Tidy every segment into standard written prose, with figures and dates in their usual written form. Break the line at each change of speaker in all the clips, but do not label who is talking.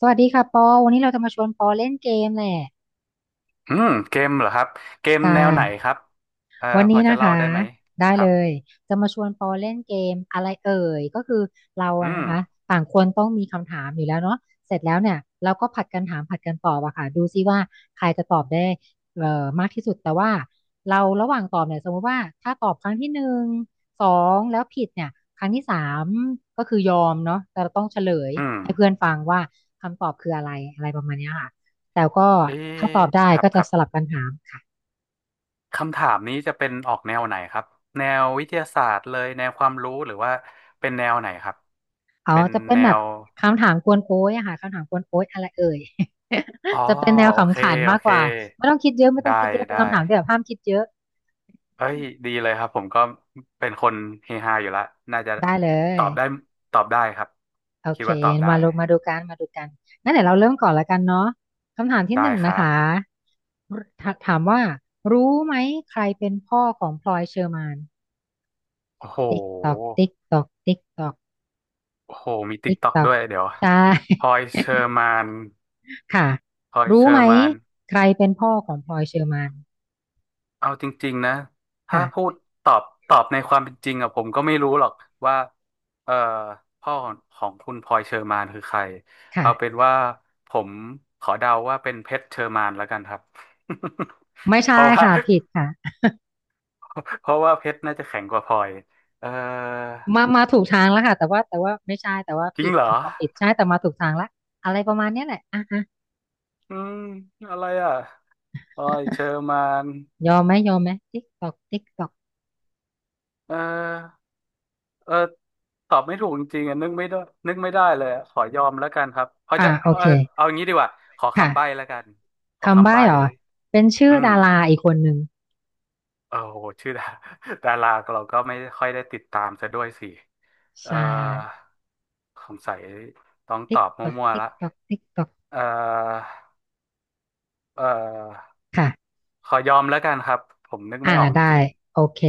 สวัสดีค่ะปอวันนี้เราจะมาชวนปอเล่นเกมแหละ
อืมเกมเหรอครับเกม
ใช่
แนวไหนครับ
วัน
พอ
นี้
จะ
นะ
เล่า
คะ
ได้ไหม
ได้
ครั
เล
บ
ยจะมาชวนปอเล่นเกมอะไรเอ่ยก็คือเรา
อื
อะ
ม
นะคะต่างคนต้องมีคำถามอยู่แล้วเนาะเสร็จแล้วเนี่ยเราก็ผัดกันถามผัดกันตอบอะค่ะดูซิว่าใครจะตอบได้มากที่สุดแต่ว่าเราระหว่างตอบเนี่ยสมมติว่าถ้าตอบครั้งที่หนึ่งสองแล้วผิดเนี่ยครั้งที่สามก็คือยอมเนาะแต่เราต้องเฉลย
อืม
ให้เพื่อนฟังว่าคำตอบคืออะไรอะไรประมาณเนี้ยค่ะแต่ก็
เอ๊
ถ้าต
ะ
อบได้
ครับ
ก็
ค
จะ
รับ
สลับกันถามค่ะ
คำถามนี้จะเป็นออกแนวไหนครับแนววิทยาศาสตร์เลยแนวความรู้หรือว่าเป็นแนวไหนครับ
เขา
เป็น
จะเป็น
แน
แบบ
ว
คำถามกวนโอ้ยอะค่ะคำถามกวนโอ้ยอะไรเอ่ย
อ๋อ
จะเป็นแนว
โอเค
ขำขัน
โอ
มาก
เค
กว่าไม่ต้องคิดเยอะไม่ต้อง
ได้
คิดเยอะเป็น
ได้
คำถามที่แบบห้ามคิดเยอะ
เอ้ยดีเลยครับผมก็เป็นคนเฮฮาอยู่ละน่าจะ
ได้เล
ต
ย
อบได้ตอบได้ครับ
โอ
คิด
เค
ว่าตอบได้
มาลง
นะ
มาดูกันมาดูกันงั้นเดี๋ยวเราเริ่มก่อนละกันเนาะคำถามที่
ได้
หนึ่ง
ค
นะ
รับ
คะถามว่ารู้ไหมใครเป็นพ่อของพลอยเชอร์มาน
โอ้โห
ติ๊กตอกติ๊กตอกติ๊กตอก
โอ้โหมีติ๊ก
ติ๊ก
ต็อก
ตอ
ด้
ก
วยเดี๋ยว
ใช่
พลอยเชอร์ มาน
ค่ะ
พลอยเช
รู้
อ
ไหม
ร์มาน
ใครเป็นพ่อของพลอยเชอร์มาน
เอาจริงๆนะถ้าพู
ค่ะ
ดตอบตอบในความเป็นจริงอะผมก็ไม่รู้หรอกว่าเอ่อพ่อของคุณพลอยเชอร์มานคือใครเอาเป็
ค่ะ
นว่าผมขอเดาว่าเป็นเพชรเชอร์มานแล้วกันครับ
ไม่
เพ
ใช่
ราะว่า
ค่ะผิดค่ะ
เพราะว่าเพชรน่าจะแข็งกว่าพลอยเอ่อ
มาถูกทางแล้วค่ะแต่ว่าไม่ใช่แต่ว่า
จริ
ผิ
ง
ด
เหรอ
คำตอบผิดใช่แต่มาถูกทางละอะไรประมาณเนี้ยแหละอ่ะฮะ
อืมอะไรอ่ะพลอยเชอร์มาน
ยอมไหมยอมไหมติ๊กตอกติ๊กตอก
เออ เออตอบไม่ถูกจริงๆอ่ะนึกไม่ได้นึกไม่ได้เลยอะขอยอมแล้วกันครับเขา
อ่า
จะ
โอ
เออ
เค
เอาอย่างนี้ดีกว่าขอ
ค่ะ
คำใบ้แล้วกันขอ
คำ
คำ
ใบ้
ใบ้
เหรอเป็นชื่อ
อืม
ดาราอีกคนหนึ่ง
โอ้โหชื่อดาดาราเราก็ไม่ค่อยได้ติดตามซะด้วยสิเออ
ใช่
สงสัยต้องต
ติ๊ก
อบ
ตอก
มั่วๆ
ติ๊ก
ละ
ตอกติ๊กตอก
เออเออ
ค่ะ
ขอยอมแล้วกันครับผมนึก
อ่า
ไม่ออกจ
ได้
ริง
โอเค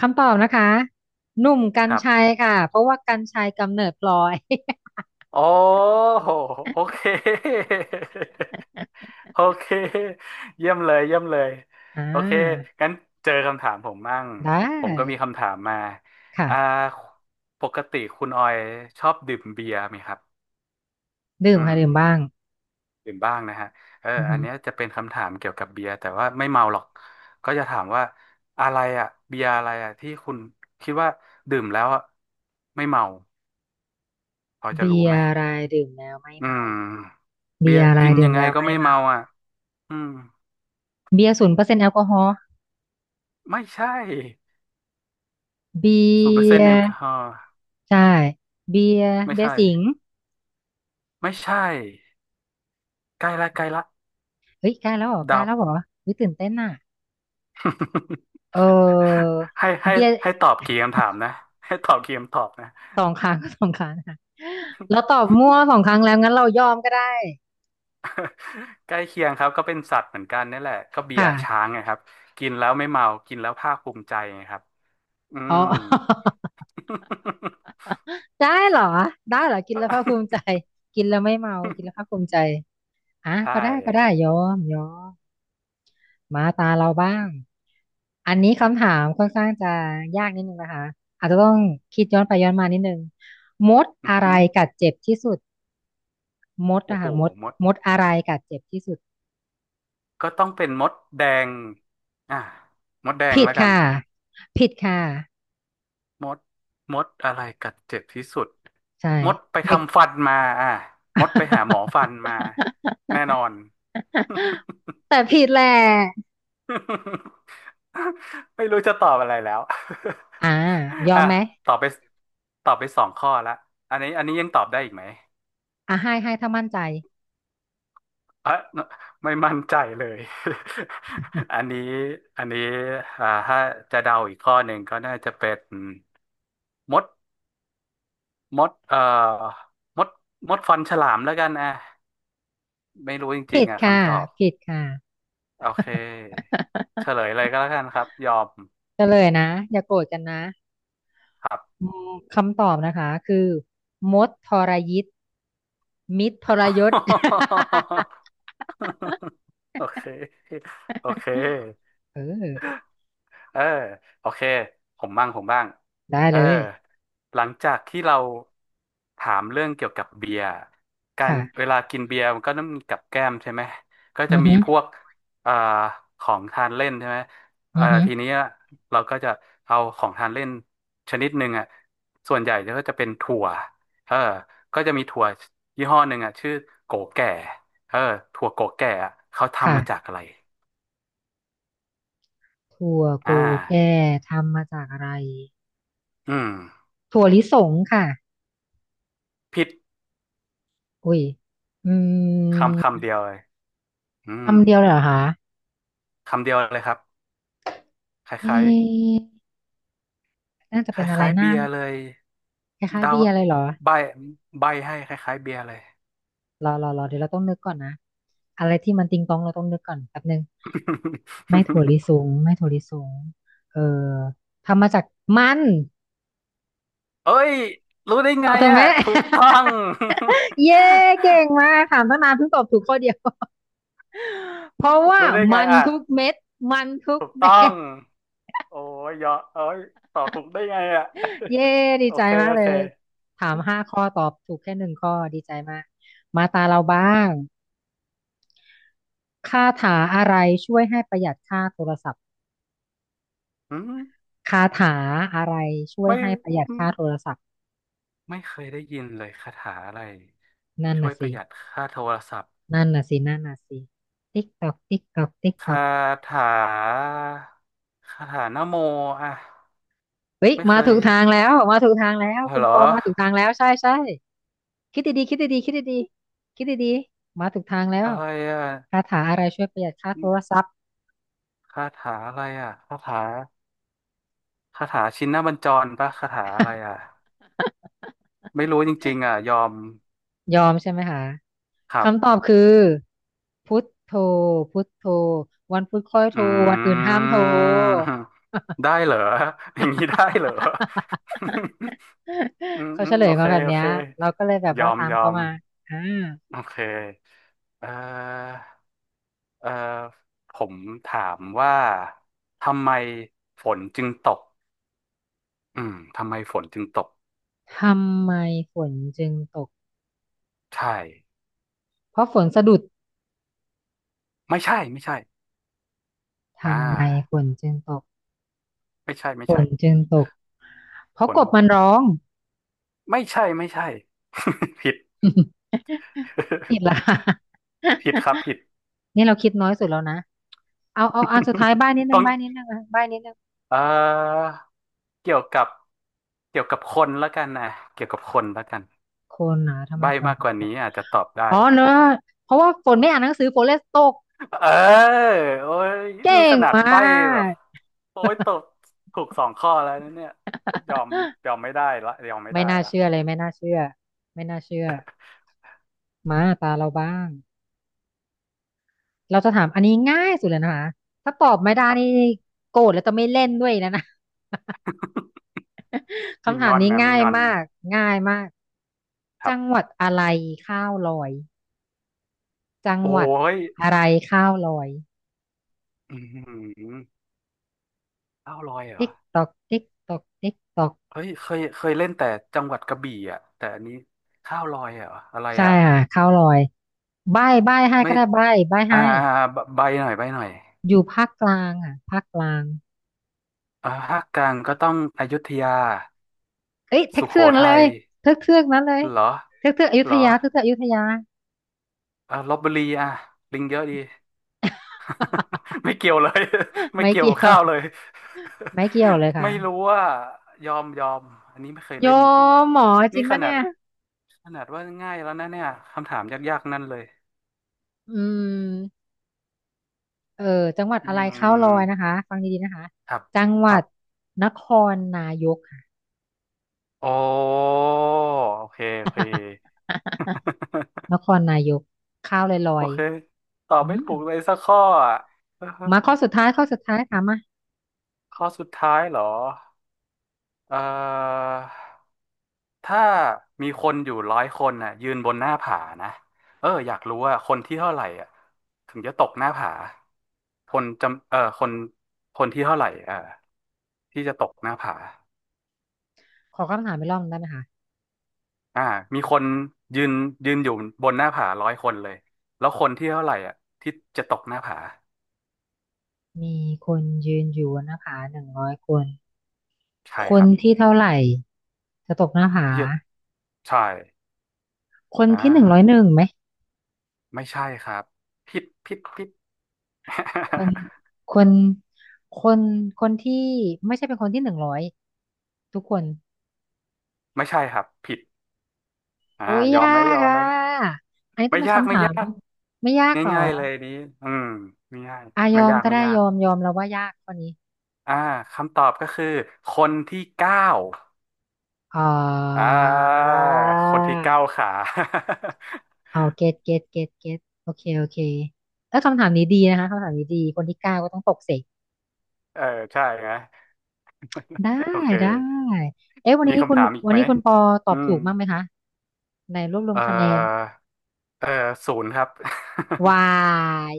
คำตอบนะคะหนุ่มกร
ๆ
ร
ครับ
ชัยค่ะเพราะว่ากรรชัยกำเนิดพลอย
โอ้โหโอเค โอเค เยี่ยมเลยเยี่ยมเลย
อ่
โอเค
า
งั้นเจอคำถามผมมั่ง
ได
ผมก็มี
้
คำถามมา
ค่ะ
อ่าปกติคุณออยชอบดื่มเบียร์ไหมครับ
ดื่ม
อืม
ค่ะดื่มบ้าง
ดื่มบ้างนะฮะเออ
อือ
อั
ฮึ
นเนี้ยจะเป็นคำถามเกี่ยวกับเบียร์แต่ว่าไม่เมาหรอกก็จะถามว่าอะไรอ่ะเบียร์อะไรอ่ะที่คุณคิดว่าดื่มแล้วอ่ะไม่เมาพอจะ
เบี
รู้
ย
ไหม
ร์รายดื่มแล้วไม่
อื
เมา
มเบี
เบี
ย
ย
ร์
ร์รา
กิ
ย
น
ดื่
ยั
ม
งไง
แล้ว
ก็
ไม่
ไม่
เมา
เมาอ่ะอืม
เบียร์0%แอลกอฮอล์
ไม่ใช่
เบี
ศูนย์เปอร์เซ็น
ย
ต์แอล
ร์
กอฮอล์
ใช่เบียร์
ไม่
เบียร์
ใช่
สิงห์
ไม่ใช่ใกล้ละใกล้ละ
เฮ้ยใกล้แล้วเหรอใกล้
เดา
แล้วเหรอเฮ้ยตื่นเต้นน่ะ เออ
ให้ให้
เบียร์
ให้ตอบกี่คำถามนะให้ตอบกี่คำตอบนะ
สองครั้ง ก็สองครั้งค่ะเราตอบมั่วสองครั้งแล้วงั้นเรายอมก็ได้
ใกล้เคียงครับก็เป็นสัตว์เหมือนกันนี่แหละก็เบีย
ค่ะ
ร์ช้างไงครับกินแล้วไม่เมากินแล้วภาคภูมิใจไงครับอื
อ๋อ
ม
ได้เหรอได้เหรอกินแล้วภาคภูมิใจกินแล้วไม่เมากินแล้วภาคภูมิใจอ่ะ
ใช่
ก็ได้ก็ได้ยอมยอม มาตาเราบ้าง อันนี้คำถามค่อนข้างจะยากนิดนึงนะคะอาจจะต้องคิดย้อนไปย้อนมานิดนึงมด
อือ
อะไร
หือ
กัดเจ็บที่สุดมด
โอ้
นะ
โห
คะมด
มด
มดอะไรกัดเจ็บที่สุด
ก็ต้องเป็นมดแดงอ่ะมดแดง
ผิด
แล้วกัน
ค่ะผิดค่ะ
มดมดอะไรกัดเจ็บที่สุด
ใช่
มดไป
เด็ก
ทำฟันมาอ่ะมดไปหาหมอฟันมา แน่นอน
แต่ผิดแหละ
ไม่รู้จะตอบอะไรแล้ว
อ่าย อม
อ่ะ
ไหม
ตอบไปตอบไปสองข้อละอันนี้ อันนี้ยังตอบได้อีกไหม
อ่าให้ให้ถ้ามั่นใจ
เอะไม่มั่นใจเลย อันนี้ อันนี้อ่าถ้าจะเดาอีกข้อหนึ่งก็น่าจะเป็นมด มดเอ่อมดมดฟันฉลามแล้วกันอ่ะ ไม่รู้จริ
ผิ
ง
ด
ๆอ่ะ
ค่ะ
คำตอบ
ผิดค่ะ
โอเคเฉ ลยเลยก็แล้วกันครับยอม
เฉลยนะ อย่าโกรธกันนะ
ครับ
อืมคำตอบนะคะคือมดทรยิตมิตรทรยศ
โอเคโอเค
เออ
เออโอเคผมบ้างผมบ้าง
ได้
เออ
เลย
หลังจากที่เราถามเรื่องเกี่ยวกับเบียร์การ
ค่ะ
เวลากินเบียร์มันก็ต้องมีกับแก้มใช่ไหมก็จะ
อือ
มี
ฮึ
พวกเอ่อของทานเล่นใช่ไหม
อือฮึ
ทีนี้เราก็จะเอาของทานเล่นชนิดหนึ่งอ่ะส่วนใหญ่ก็จะเป็นถั่วเออก็จะมีถั่วยี่ห้อหนึ่งอ่ะชื่อโกแก่เออถั่วโกแก่อะเขาทำมาจาก
ค่ะ
อะไร
ถั่วโก
อ่า
แก่ทำมาจากอะไร
อืม
ถั่วลิสงค่ะ
ผิด
อุ้ยอื
คำคำ
ม
เดียวเลยอืม
คำเดียวเลยเหรอคะ
คำเดียวเลยครับค
เอ๊
ล้าย
ะน่าจะ
ๆค
เป็นอะไร
ล้ายๆ
นะ
เบียร์เลย
คล้ายๆ
เดา
เบียร์อะไรเหรอ
ใบใบให้คล้ายๆเบียร์เลย
รอเดี๋ยวเราต้องนึกก่อนนะอะไรที่มันติงตองเราต้องนึกก่อนแป๊บนึง ไม่ถั่วลิส งไม่ถั่วลิสงเออทำมาจากมัน
เอ้ยรู้ได้ไง
ถูกไห
อ่ะ
ม
ถูกต้อง
เย้เก่งมากถามตั้งนานเพิ่งตอบถูกข้อเดียว เพราะ ว่า
รู้ได้ไง
มัน
อ่ะ
ทุกเม็ดมันทุก
ถูกต้
เม็
อง
ด
โอ้ยยอเอ้ยตอบถูกได้ไงอ่ะ
เย้ ดี
โอ
ใจ
เค
มาก
โอ
เล
เค
ยถามห้าข้อตอบถูกแค่หนึ่งข้อดีใจมากมาตาเราบ้างคาถาอะไรช่วยให้ประหยัดค่าโทรศัพท์
อืม
คาถาอะไรช่วย
ไม่
ให้ประหยัดค่าโทรศัพท์
ไม่เคยได้ยินเลยคาถาอะไร
นั่น
ช่ว
น่ะ
ยป
สิ
ระหยัดค่าโทรศัพท์
นั่นน่ะสินั่นน่ะสิติ๊กตอกติ๊กตอกติ๊ก
ค
ตอก
าถาคาถานะโมอ่ะ
เฮ้ย
ไม่
มา
เคย
ถูกทางแล้ว มาถูกทางแล้ว คุณ
เหร
ป
อ
อมาถูกทางแล้ว ใช่ ใช่ คิดดีๆคิดดีๆคิดดีๆคิดดีๆมาถูกทางแล้ว
อะไรอ่ะ
คาถาอะไรช่วยประหยัดค่าโทรศัพท์
คาถาอะไรอ่ะคาถาคาถาชินบัญจรปะคาถาอะไรอ่ะ ไม่รู้จริงๆอ่ะยอม
ยอมใช่ไหมคะ
ครับ
คำตอบคือพุทโธพุทโธวันพุธค่อยโท
อื
รวันอื่นห้ามโทร
มได้เหรออย่างนี้ได้เหรอ อื ม
เขา
อื
เฉ
ม
ลย
โอเค
มาแบบ
โอ
เนี้ย
เค
เราก็เลยแบบ
ยอ
ว่า
ม
ตาม
ยอ
เขา
ม
มาอ่า
โอเคเอ่อ เอ่อผมถามว่าทำไมฝนจึงตกอืมทำไมฝนจึงตก
ทำไมฝนจึงตก
ใช่
เพราะฝนสะดุด
ไม่ใช่ ไม่ใช่อ่
ทำไมฝ
า
นจึงตก
ไม่ใช่ไม่
ฝ
ใช่
นจึงตกเพ
ฝ
ราะก
น
บมันร้อง
ไม่ใช่ไม่ใช่ ผิด
ผิดละ ค่ะ
ผิดครับผิด
นี่เราคิดน้อยสุดแล้วนะเอาเอาอันสุดท้ายบ้านนิด นึ
ต้
ง
อง
บ้านนิดนึงอ่ะบ้านนิดนึง
เอ่อเกี่ยวกับเกี่ยวกับคนแล้วกันนะเกี่ยวกับคนแล้วกัน
คนหนาทำไม
ใบ้
ฝน
มาก
ถึ
ก
ง
ว่า
ตก
นี้อาจจะตอบได้
อ๋อเนอะเพราะว่าฝนไม่อ่านหนังสือฝนเลยตก
เออโอ้ยนี่
เก่
ข
ง
นาด
มา
ใบ้แบบ
ก
โอ้ยตกถูกสองข้อแล้วนะเนี่ยยอม ยอมไม่ได้ละยอมไม่
ไม่
ได้
น่า
ละ
เชื่อเลยไม่น่าเชื่อไม่น่าเชื่อมาตาเราบ้าง เราจะถามอันนี้ง่ายสุดเลยนะคะถ้าตอบไม่ได้
ครับ
นี่โกรธแล้วจะไม่เล่นด้วยนะนะ
มี
คำ
ง
ถาม
อน
นี้
นะมี
ง่าย
งอน
มากง่ายมาก
ครั
จั
บ
งหวัดอะไรข้าวลอยจังห
โอ้
วัด
ย
อะไรข้าวลอย
อืมข้าวลอยเหร
ติ๊
อ
กตอกติ๊กตอกติ๊กตอก
เฮ้ยเคยเคยเล่นแต่จังหวัดกระบี่อ่ะแต่อันนี้ข้าวลอยเหรออะไร
ใช่
อ่ะ
ค่ะข้าวลอยใบ้ใบ้ให้
ไม่
ก็ได้ใบ้ใบ้
อ่า
ให้
ใบใบหน่อยใบหน่อย
อยู่ภาคกลางอ่ะภาคกลาง
อ่าภาคกลางก็ต้องอยุธยา
เอ้ยเทือ
สุ
ก
โข
เทือกนั้นเล
ทัย
ยเทือกเทือกนั้นเลย
เหรอ
เทือกเทือกอยุ
เหร
ธ
อ
ยาเทือกเทือกอยุธยา
เออลพบุรีอ่ะลิงเยอะดี ไม่เกี่ยวเลย ไม่
ไม่
เกี่ยว
เกี่
กั
ย
บ
ว
ข้าวเลย
ไม่เกี่ยวเลย ค่ะ
ไม่รู้ว่ายอมยอมอันนี้ไม่เคย
โย
เล่นจริง
มหมอ
ๆ
จริ
นี่
ง
ข
ปะ
นาด
เนี่ย
ขนาดว่าง่ายแล้วนะเนี่ยคำถามยากๆนั่นเลย
อืมเออจังหวัด
อื
อะไรข้าวลอยนะ
ม
คะฟังดีๆนะคะ
ครับ
จังห
ค
วั
รั
ด
บ
นครนายกค่ะ
โอ้โอเคโอเค
นค รนายกข้าวลอยลอ
โอ
ย
เคตอบ
อื
ไม่ถู
ม
กเลยสักข้ออ่ะ
มาข้อสุดท้ายข้อสุดท้ายถามมา
ข้อสุดท้ายเหรอเอ่อ ถ้ามีคนอยู่100 คนน่ะยืนบนหน้าผานะเอออยากรู้ว่าคนที่เท่าไหร่อ่ะถึงจะตกหน้าผาคนจำเออคนคนที่เท่าไหร่เออที่จะตกหน้าผา
ขอคำถามไปรอบหนึ่งได้ไหมคะ
อ่ามีคนยืนยืนอยู่บนหน้าผา100 คนเลยแล้วคนที่เท่าไหร่อ่ะที่จะตกหน้าผา
มีคนยืนอยู่นะคะ100
ใช่
ค
ค
น
รับ
ที่เท่าไหร่จะตกหน้าผา
พี่จะใช่
คน
อ่
ที่หนึ่งร้อยหนึ่
า
งไหม
ไม่ใช่ครับผิดผิดผิด
คนคนคนคนที่ไม่ใช่เป็นคนที่หนึ่งร้อยทุกคน
ไม่ใช่ครับผิดอ่า
โอ้ย
ยอม
ยา
ไหมย
ก
อม
อ่
ไหม
ะอันนี้ต้อ
ไม่
งเป็น
ยาก
คำ
ไม่
ถาม
ยาก
ไม่ยากหรอ
ง่ายๆเลยนนี้อืมไม่ง่าย
อาย
ไม่
อม
ยาก
ก็
ไม่
ได้
ยา
ย
ก
อมยอมแล้วว่ายากข้อนี้
อ่าคำตอบก็คือ คนที่เก้า
อ๋อ
อ่าคนที่เก้าขา
เอาเกตเกตเกตเกตโอเคโอเคแล้วคำถามนี้ดีนะคะคำถามนี้ดีคนที่เก้าก็ต้องตกเสก
เออใช่ไหม
ได้
โอเค
ได้เอ๊ะวัน
มี
นี้คุ
คำ
ณ
ถามอีก
วัน
ไหม
นี้คุณปอตอ
อื
บ
ม
ถูกมั้างไหมคะในรวบรวม
เอ
คะแนน
อเออศูนย์ครับ
วา ย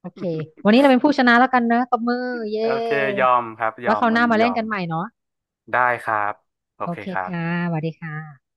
โอเควันนี้เราเป็นผู้ชนะแล้วกันนะตบมือเย
โอเค
้
ยอมครับ ย
ไว้
อ
ค
ม
ราวห
วัน
น้า
นี้
มา
ย
เล่น
อ
กั
ม
นใหม่เนาะ
ได้ครับ โอ
โอ
เค
เค
ครั
ค่ะ
บ
สวัสดีค่ะ